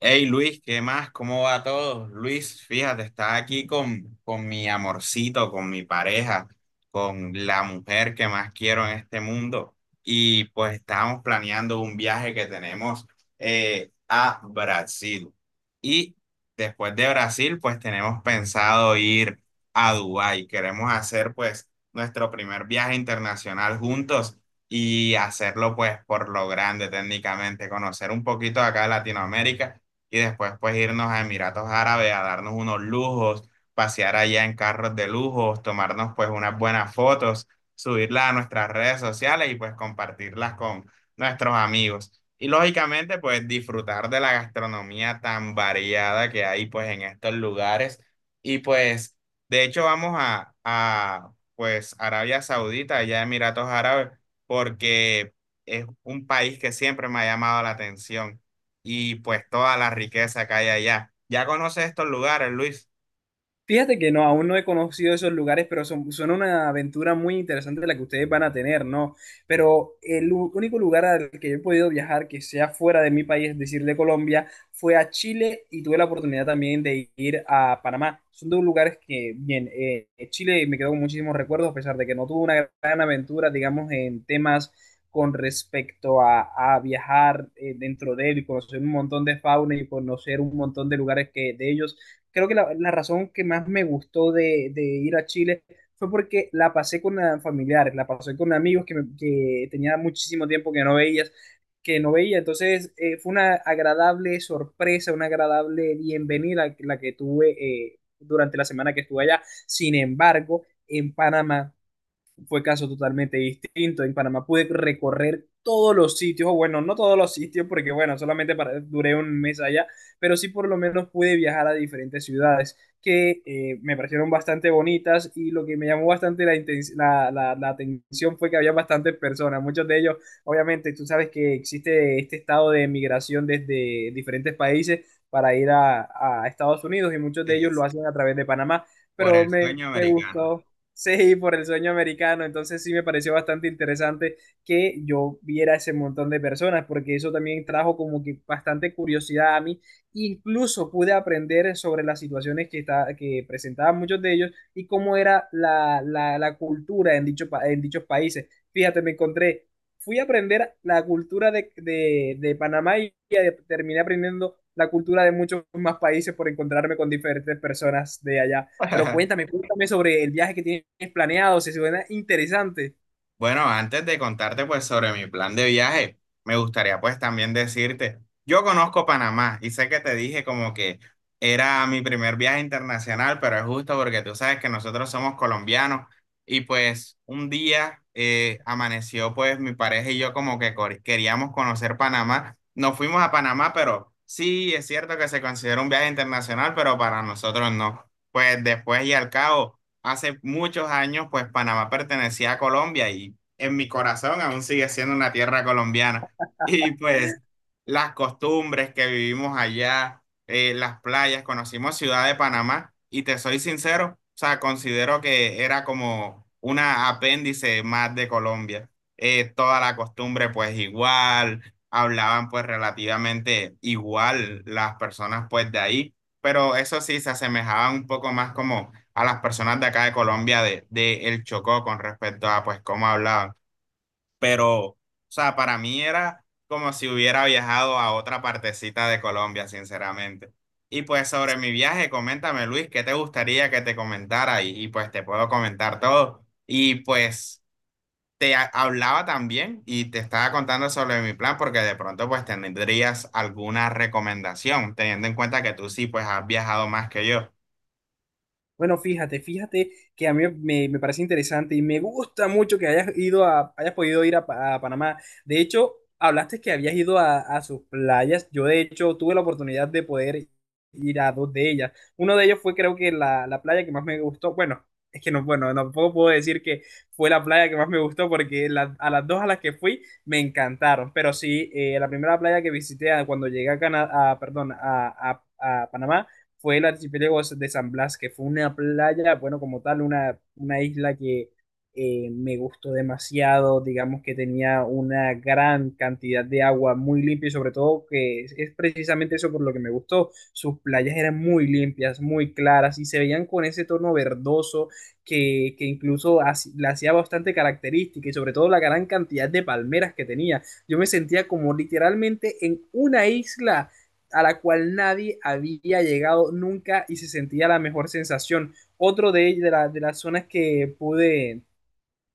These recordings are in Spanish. Hey Luis, ¿qué más? ¿Cómo va todo? Luis, fíjate, está aquí con mi amorcito, con mi pareja, con la mujer que más quiero en este mundo. Y pues estábamos planeando un viaje que tenemos a Brasil. Y después de Brasil, pues tenemos pensado ir a Dubái. Queremos hacer pues nuestro primer viaje internacional juntos y hacerlo pues por lo grande técnicamente, conocer un poquito acá de Latinoamérica y después pues irnos a Emiratos Árabes a darnos unos lujos, pasear allá en carros de lujos, tomarnos pues unas buenas fotos, subirlas a nuestras redes sociales y pues compartirlas con nuestros amigos. Y lógicamente pues disfrutar de la gastronomía tan variada que hay pues en estos lugares. Y pues de hecho vamos a pues Arabia Saudita, allá Emiratos Árabes, porque es un país que siempre me ha llamado la atención y pues toda la riqueza que hay allá. Ya conoces estos lugares, Luis. Fíjate que no, aún no he conocido esos lugares, pero son una aventura muy interesante la que ustedes van a tener, ¿no? Pero el único lugar al que yo he podido viajar que sea fuera de mi país, es decir, de Colombia, fue a Chile y tuve la oportunidad también de ir a Panamá. Son dos lugares que, bien, Chile me quedó con muchísimos recuerdos, a pesar de que no tuve una gran aventura, digamos, en temas con respecto a viajar dentro de él y conocer un montón de fauna y conocer un montón de lugares que de ellos creo que la razón que más me gustó de ir a Chile fue porque la pasé con familiares, la pasé con amigos que tenía muchísimo tiempo que no veías, que no veía. Entonces, fue una agradable sorpresa, una agradable bienvenida la que tuve durante la semana que estuve allá. Sin embargo, en Panamá fue caso totalmente distinto. En Panamá pude recorrer todos los sitios, o bueno, no todos los sitios, porque bueno, duré un mes allá, pero sí por lo menos pude viajar a diferentes ciudades que me parecieron bastante bonitas y lo que me llamó bastante la, inten- la- la atención fue que había bastantes personas, muchos de ellos, obviamente, tú sabes que existe este estado de migración desde diferentes países para ir a Estados Unidos y muchos de ellos Sí, lo hacen a través de Panamá, por pero el sueño me americano. gustó. Sí, por el sueño americano. Entonces sí me pareció bastante interesante que yo viera ese montón de personas, porque eso también trajo como que bastante curiosidad a mí. Incluso pude aprender sobre las situaciones que presentaban muchos de ellos y cómo era la cultura en dichos países. Fíjate, me encontré, fui a aprender la cultura de Panamá y terminé aprendiendo la cultura de muchos más países por encontrarme con diferentes personas de allá. Pero cuéntame, cuéntame sobre el viaje que tienes planeado, si suena interesante. Bueno, antes de contarte pues sobre mi plan de viaje, me gustaría pues también decirte, yo conozco Panamá y sé que te dije como que era mi primer viaje internacional, pero es justo porque tú sabes que nosotros somos colombianos y pues un día amaneció pues mi pareja y yo como que queríamos conocer Panamá. Nos fuimos a Panamá, pero sí, es cierto que se considera un viaje internacional, pero para nosotros no. Pues después y al cabo hace muchos años, pues Panamá pertenecía a Colombia y en mi corazón aún sigue siendo una tierra colombiana. Y pues las costumbres que vivimos allá, las playas, conocimos Ciudad de Panamá y te soy sincero, o sea, considero que era como una apéndice más de Colombia. Toda la costumbre pues igual, hablaban pues relativamente igual las personas pues de ahí, pero eso sí se asemejaban un poco más como a las personas de acá de Colombia de El Chocó con respecto a pues cómo hablaban. Pero, o sea, para mí era como si hubiera viajado a otra partecita de Colombia, sinceramente. Y pues sobre mi viaje, coméntame Luis, ¿qué te gustaría que te comentara? Y pues te puedo comentar todo. Y pues hablaba también y te estaba contando sobre mi plan porque de pronto pues tendrías alguna recomendación, teniendo en cuenta que tú sí pues has viajado más que yo. Bueno, fíjate, fíjate que a mí me parece interesante y me gusta mucho que hayas ido a, hayas podido ir a, a Panamá. De hecho, hablaste que habías ido a sus playas. Yo, de hecho, tuve la oportunidad de poder ir a dos de ellas. Uno de ellos fue, creo que la playa que más me gustó. Bueno, es que no, bueno, tampoco puedo decir que fue la playa que más me gustó porque a las dos a las que fui me encantaron. Pero sí, la primera playa que visité cuando llegué a perdón, a Panamá fue el archipiélago de San Blas, que fue una playa, bueno, como tal, una isla que me gustó demasiado, digamos que tenía una gran cantidad de agua muy limpia y sobre todo que es precisamente eso por lo que me gustó, sus playas eran muy limpias, muy claras y se veían con ese tono verdoso que incluso la hacía bastante característica y sobre todo la gran cantidad de palmeras que tenía. Yo me sentía como literalmente en una isla a la cual nadie había llegado nunca y se sentía la mejor sensación. Otro de las zonas que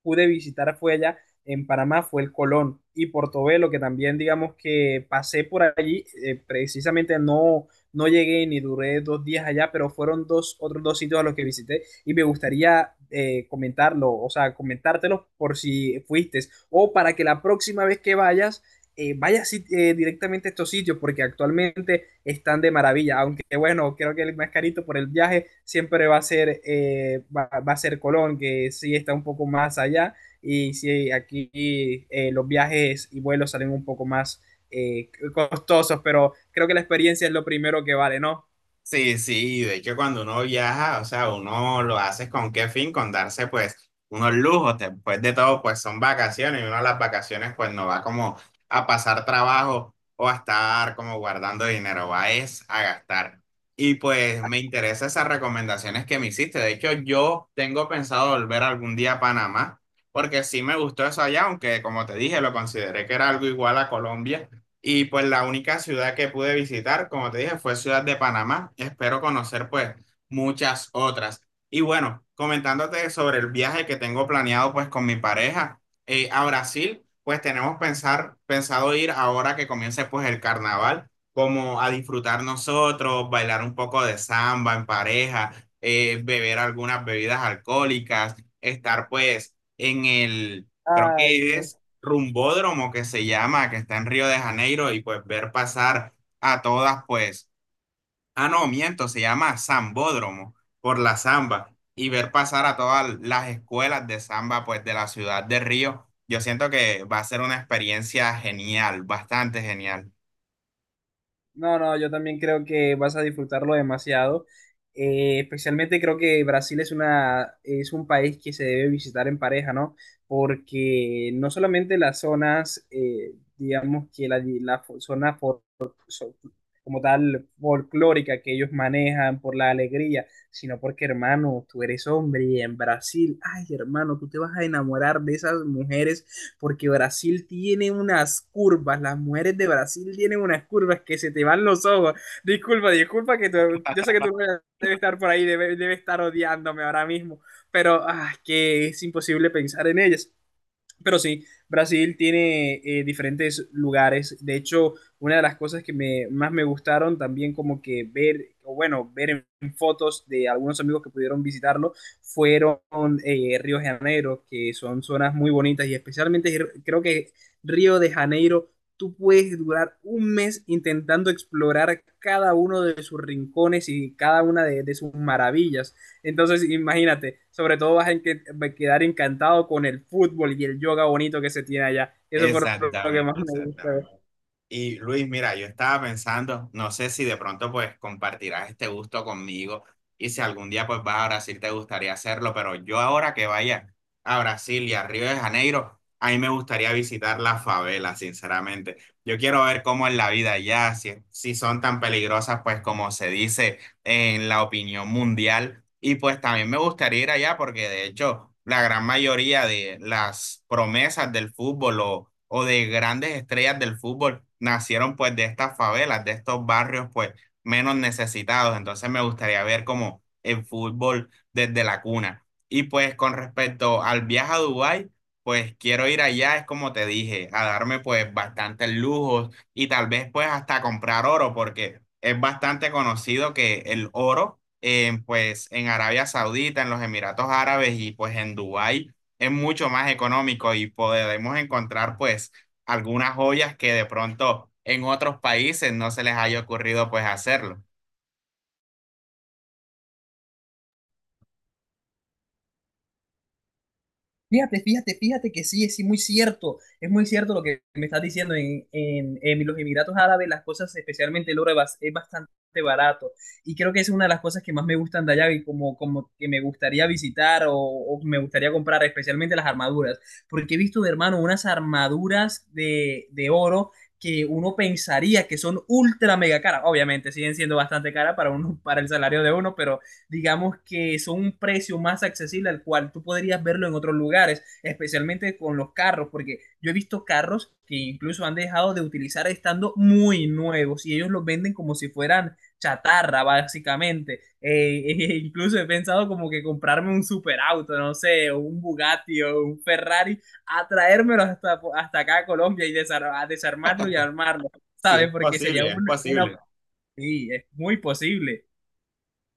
pude visitar fue allá en Panamá, fue el Colón y Portobelo, que también digamos que pasé por allí, precisamente no, no llegué ni duré dos días allá, pero fueron otros dos sitios a los que visité y me gustaría comentarlo, o sea, comentártelos por si fuiste o para que la próxima vez que vayas vaya directamente a estos sitios porque actualmente están de maravilla, aunque bueno, creo que el más carito por el viaje siempre va a ser, a ser Colón, que sí está un poco más allá y sí, aquí los viajes y vuelos salen un poco más costosos, pero creo que la experiencia es lo primero que vale, ¿no? Sí, sí, de hecho cuando uno viaja, o sea, uno lo hace con qué fin, con darse pues unos lujos, después de todo pues son vacaciones y uno a las vacaciones pues no va como a pasar trabajo o a estar como guardando dinero, va es a gastar. Y pues me interesan esas recomendaciones que me hiciste, de hecho yo tengo pensado volver algún día a Panamá, porque sí me gustó eso allá, aunque como te dije lo consideré que era algo igual a Colombia y pues la única ciudad que pude visitar, como te dije, fue Ciudad de Panamá. Espero conocer pues muchas otras. Y bueno, comentándote sobre el viaje que tengo planeado pues con mi pareja a Brasil, pues tenemos pensado ir ahora que comience pues el carnaval, como a disfrutar nosotros, bailar un poco de samba en pareja, beber algunas bebidas alcohólicas, estar pues en el... Creo Ay, que es Dios. rumbódromo que se llama, que está en Río de Janeiro, y pues ver pasar a todas, pues, ah, no, miento, se llama Zambódromo, por la samba, y ver pasar a todas las escuelas de samba, pues, de la ciudad de Río. Yo siento que va a ser una experiencia genial, bastante genial. No, no, yo también creo que vas a disfrutarlo demasiado. Especialmente creo que Brasil es un país que se debe visitar en pareja, ¿no? Porque no solamente las zonas, digamos que zona so- como tal folclórica que ellos manejan por la alegría, sino porque, hermano, tú eres hombre y en Brasil, ay, hermano, tú te vas a enamorar de esas mujeres porque Brasil tiene unas curvas, las mujeres de Brasil tienen unas curvas que se te van los ojos. Disculpa, disculpa que yo sé que tú debes estar por ahí, debe estar odiándome ahora mismo, pero que es imposible pensar en ellas. Pero sí, Brasil tiene diferentes lugares. De hecho, una de las cosas que más me gustaron también como que ver, o bueno, ver en fotos de algunos amigos que pudieron visitarlo, fueron Río de Janeiro, que son zonas muy bonitas y especialmente creo que Río de Janeiro, tú puedes durar un mes intentando explorar cada uno de sus rincones y cada una de sus maravillas. Entonces, imagínate, sobre todo vas a a quedar encantado con el fútbol y el yoga bonito que se tiene allá. Eso fue lo que más Exactamente, me exactamente. gustó. Y Luis, mira, yo estaba pensando, no sé si de pronto pues compartirás este gusto conmigo y si algún día pues vas a Brasil te gustaría hacerlo, pero yo ahora que vaya a Brasil y a Río de Janeiro, a mí me gustaría visitar las favelas, sinceramente. Yo quiero ver cómo es la vida allá, si son tan peligrosas pues como se dice en la opinión mundial y pues también me gustaría ir allá porque de hecho la gran mayoría de las promesas del fútbol o de grandes estrellas del fútbol nacieron pues de estas favelas, de estos barrios pues menos necesitados. Entonces me gustaría ver como el fútbol desde la cuna. Y pues con respecto al viaje a Dubái, pues quiero ir allá, es como te dije, a darme pues bastantes lujos y tal vez pues hasta comprar oro porque es bastante conocido que el oro pues en Arabia Saudita, en los Emiratos Árabes y pues en Dubái es mucho más económico y podemos encontrar pues algunas joyas que de pronto en otros países no se les haya ocurrido pues hacerlo. Fíjate, fíjate, fíjate que sí, es sí, muy cierto, es muy cierto lo que me estás diciendo. En los Emiratos Árabes las cosas, especialmente el oro, es bastante barato. Y creo que es una de las cosas que más me gustan de allá y como, como que me gustaría visitar o me gustaría comprar, especialmente las armaduras. Porque he visto, de hermano, unas armaduras de oro que uno pensaría que son ultra mega caras. Obviamente siguen siendo bastante caras para, uno, para el salario de uno, pero digamos que son un precio más accesible al cual tú podrías verlo en otros lugares, especialmente con los carros, porque yo he visto carros que incluso han dejado de utilizar estando muy nuevos y ellos los venden como si fueran chatarra, básicamente. Incluso he pensado como que comprarme un superauto, no sé, o un Bugatti o un Ferrari, a traérmelo hasta, hasta acá a Colombia y desarmarlo y armarlo, Sí, ¿sabes? es Porque sería posible, es una... posible. Sí, es muy posible.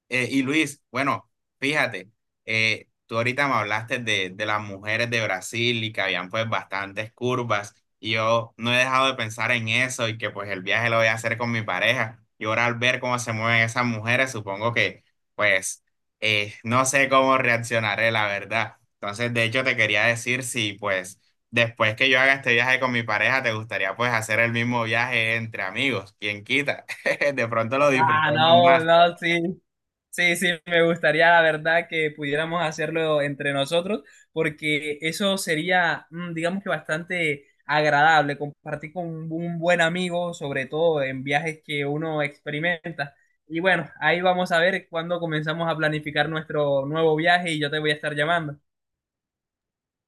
Y Luis, bueno, fíjate, tú ahorita me hablaste de las mujeres de Brasil y que habían pues bastantes curvas y yo no he dejado de pensar en eso y que pues el viaje lo voy a hacer con mi pareja y ahora al ver cómo se mueven esas mujeres, supongo que pues no sé cómo reaccionaré, la verdad. Entonces, de hecho, te quería decir si pues después que yo haga este viaje con mi pareja, te gustaría pues hacer el mismo viaje entre amigos, quien quita, de pronto lo Ah, disfrutemos no, más. no, sí. Sí, sí, me gustaría, la verdad, que pudiéramos hacerlo entre nosotros, porque eso sería, mm, digamos que bastante agradable, compartir con un buen amigo, sobre todo en viajes que uno experimenta. Y bueno, ahí vamos a ver cuándo comenzamos a planificar nuestro nuevo viaje y yo te voy a estar llamando.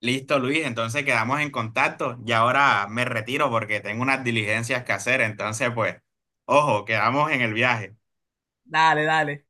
Listo, Luis, entonces quedamos en contacto y ahora me retiro porque tengo unas diligencias que hacer, entonces pues, ojo, quedamos en el viaje. Dale, dale.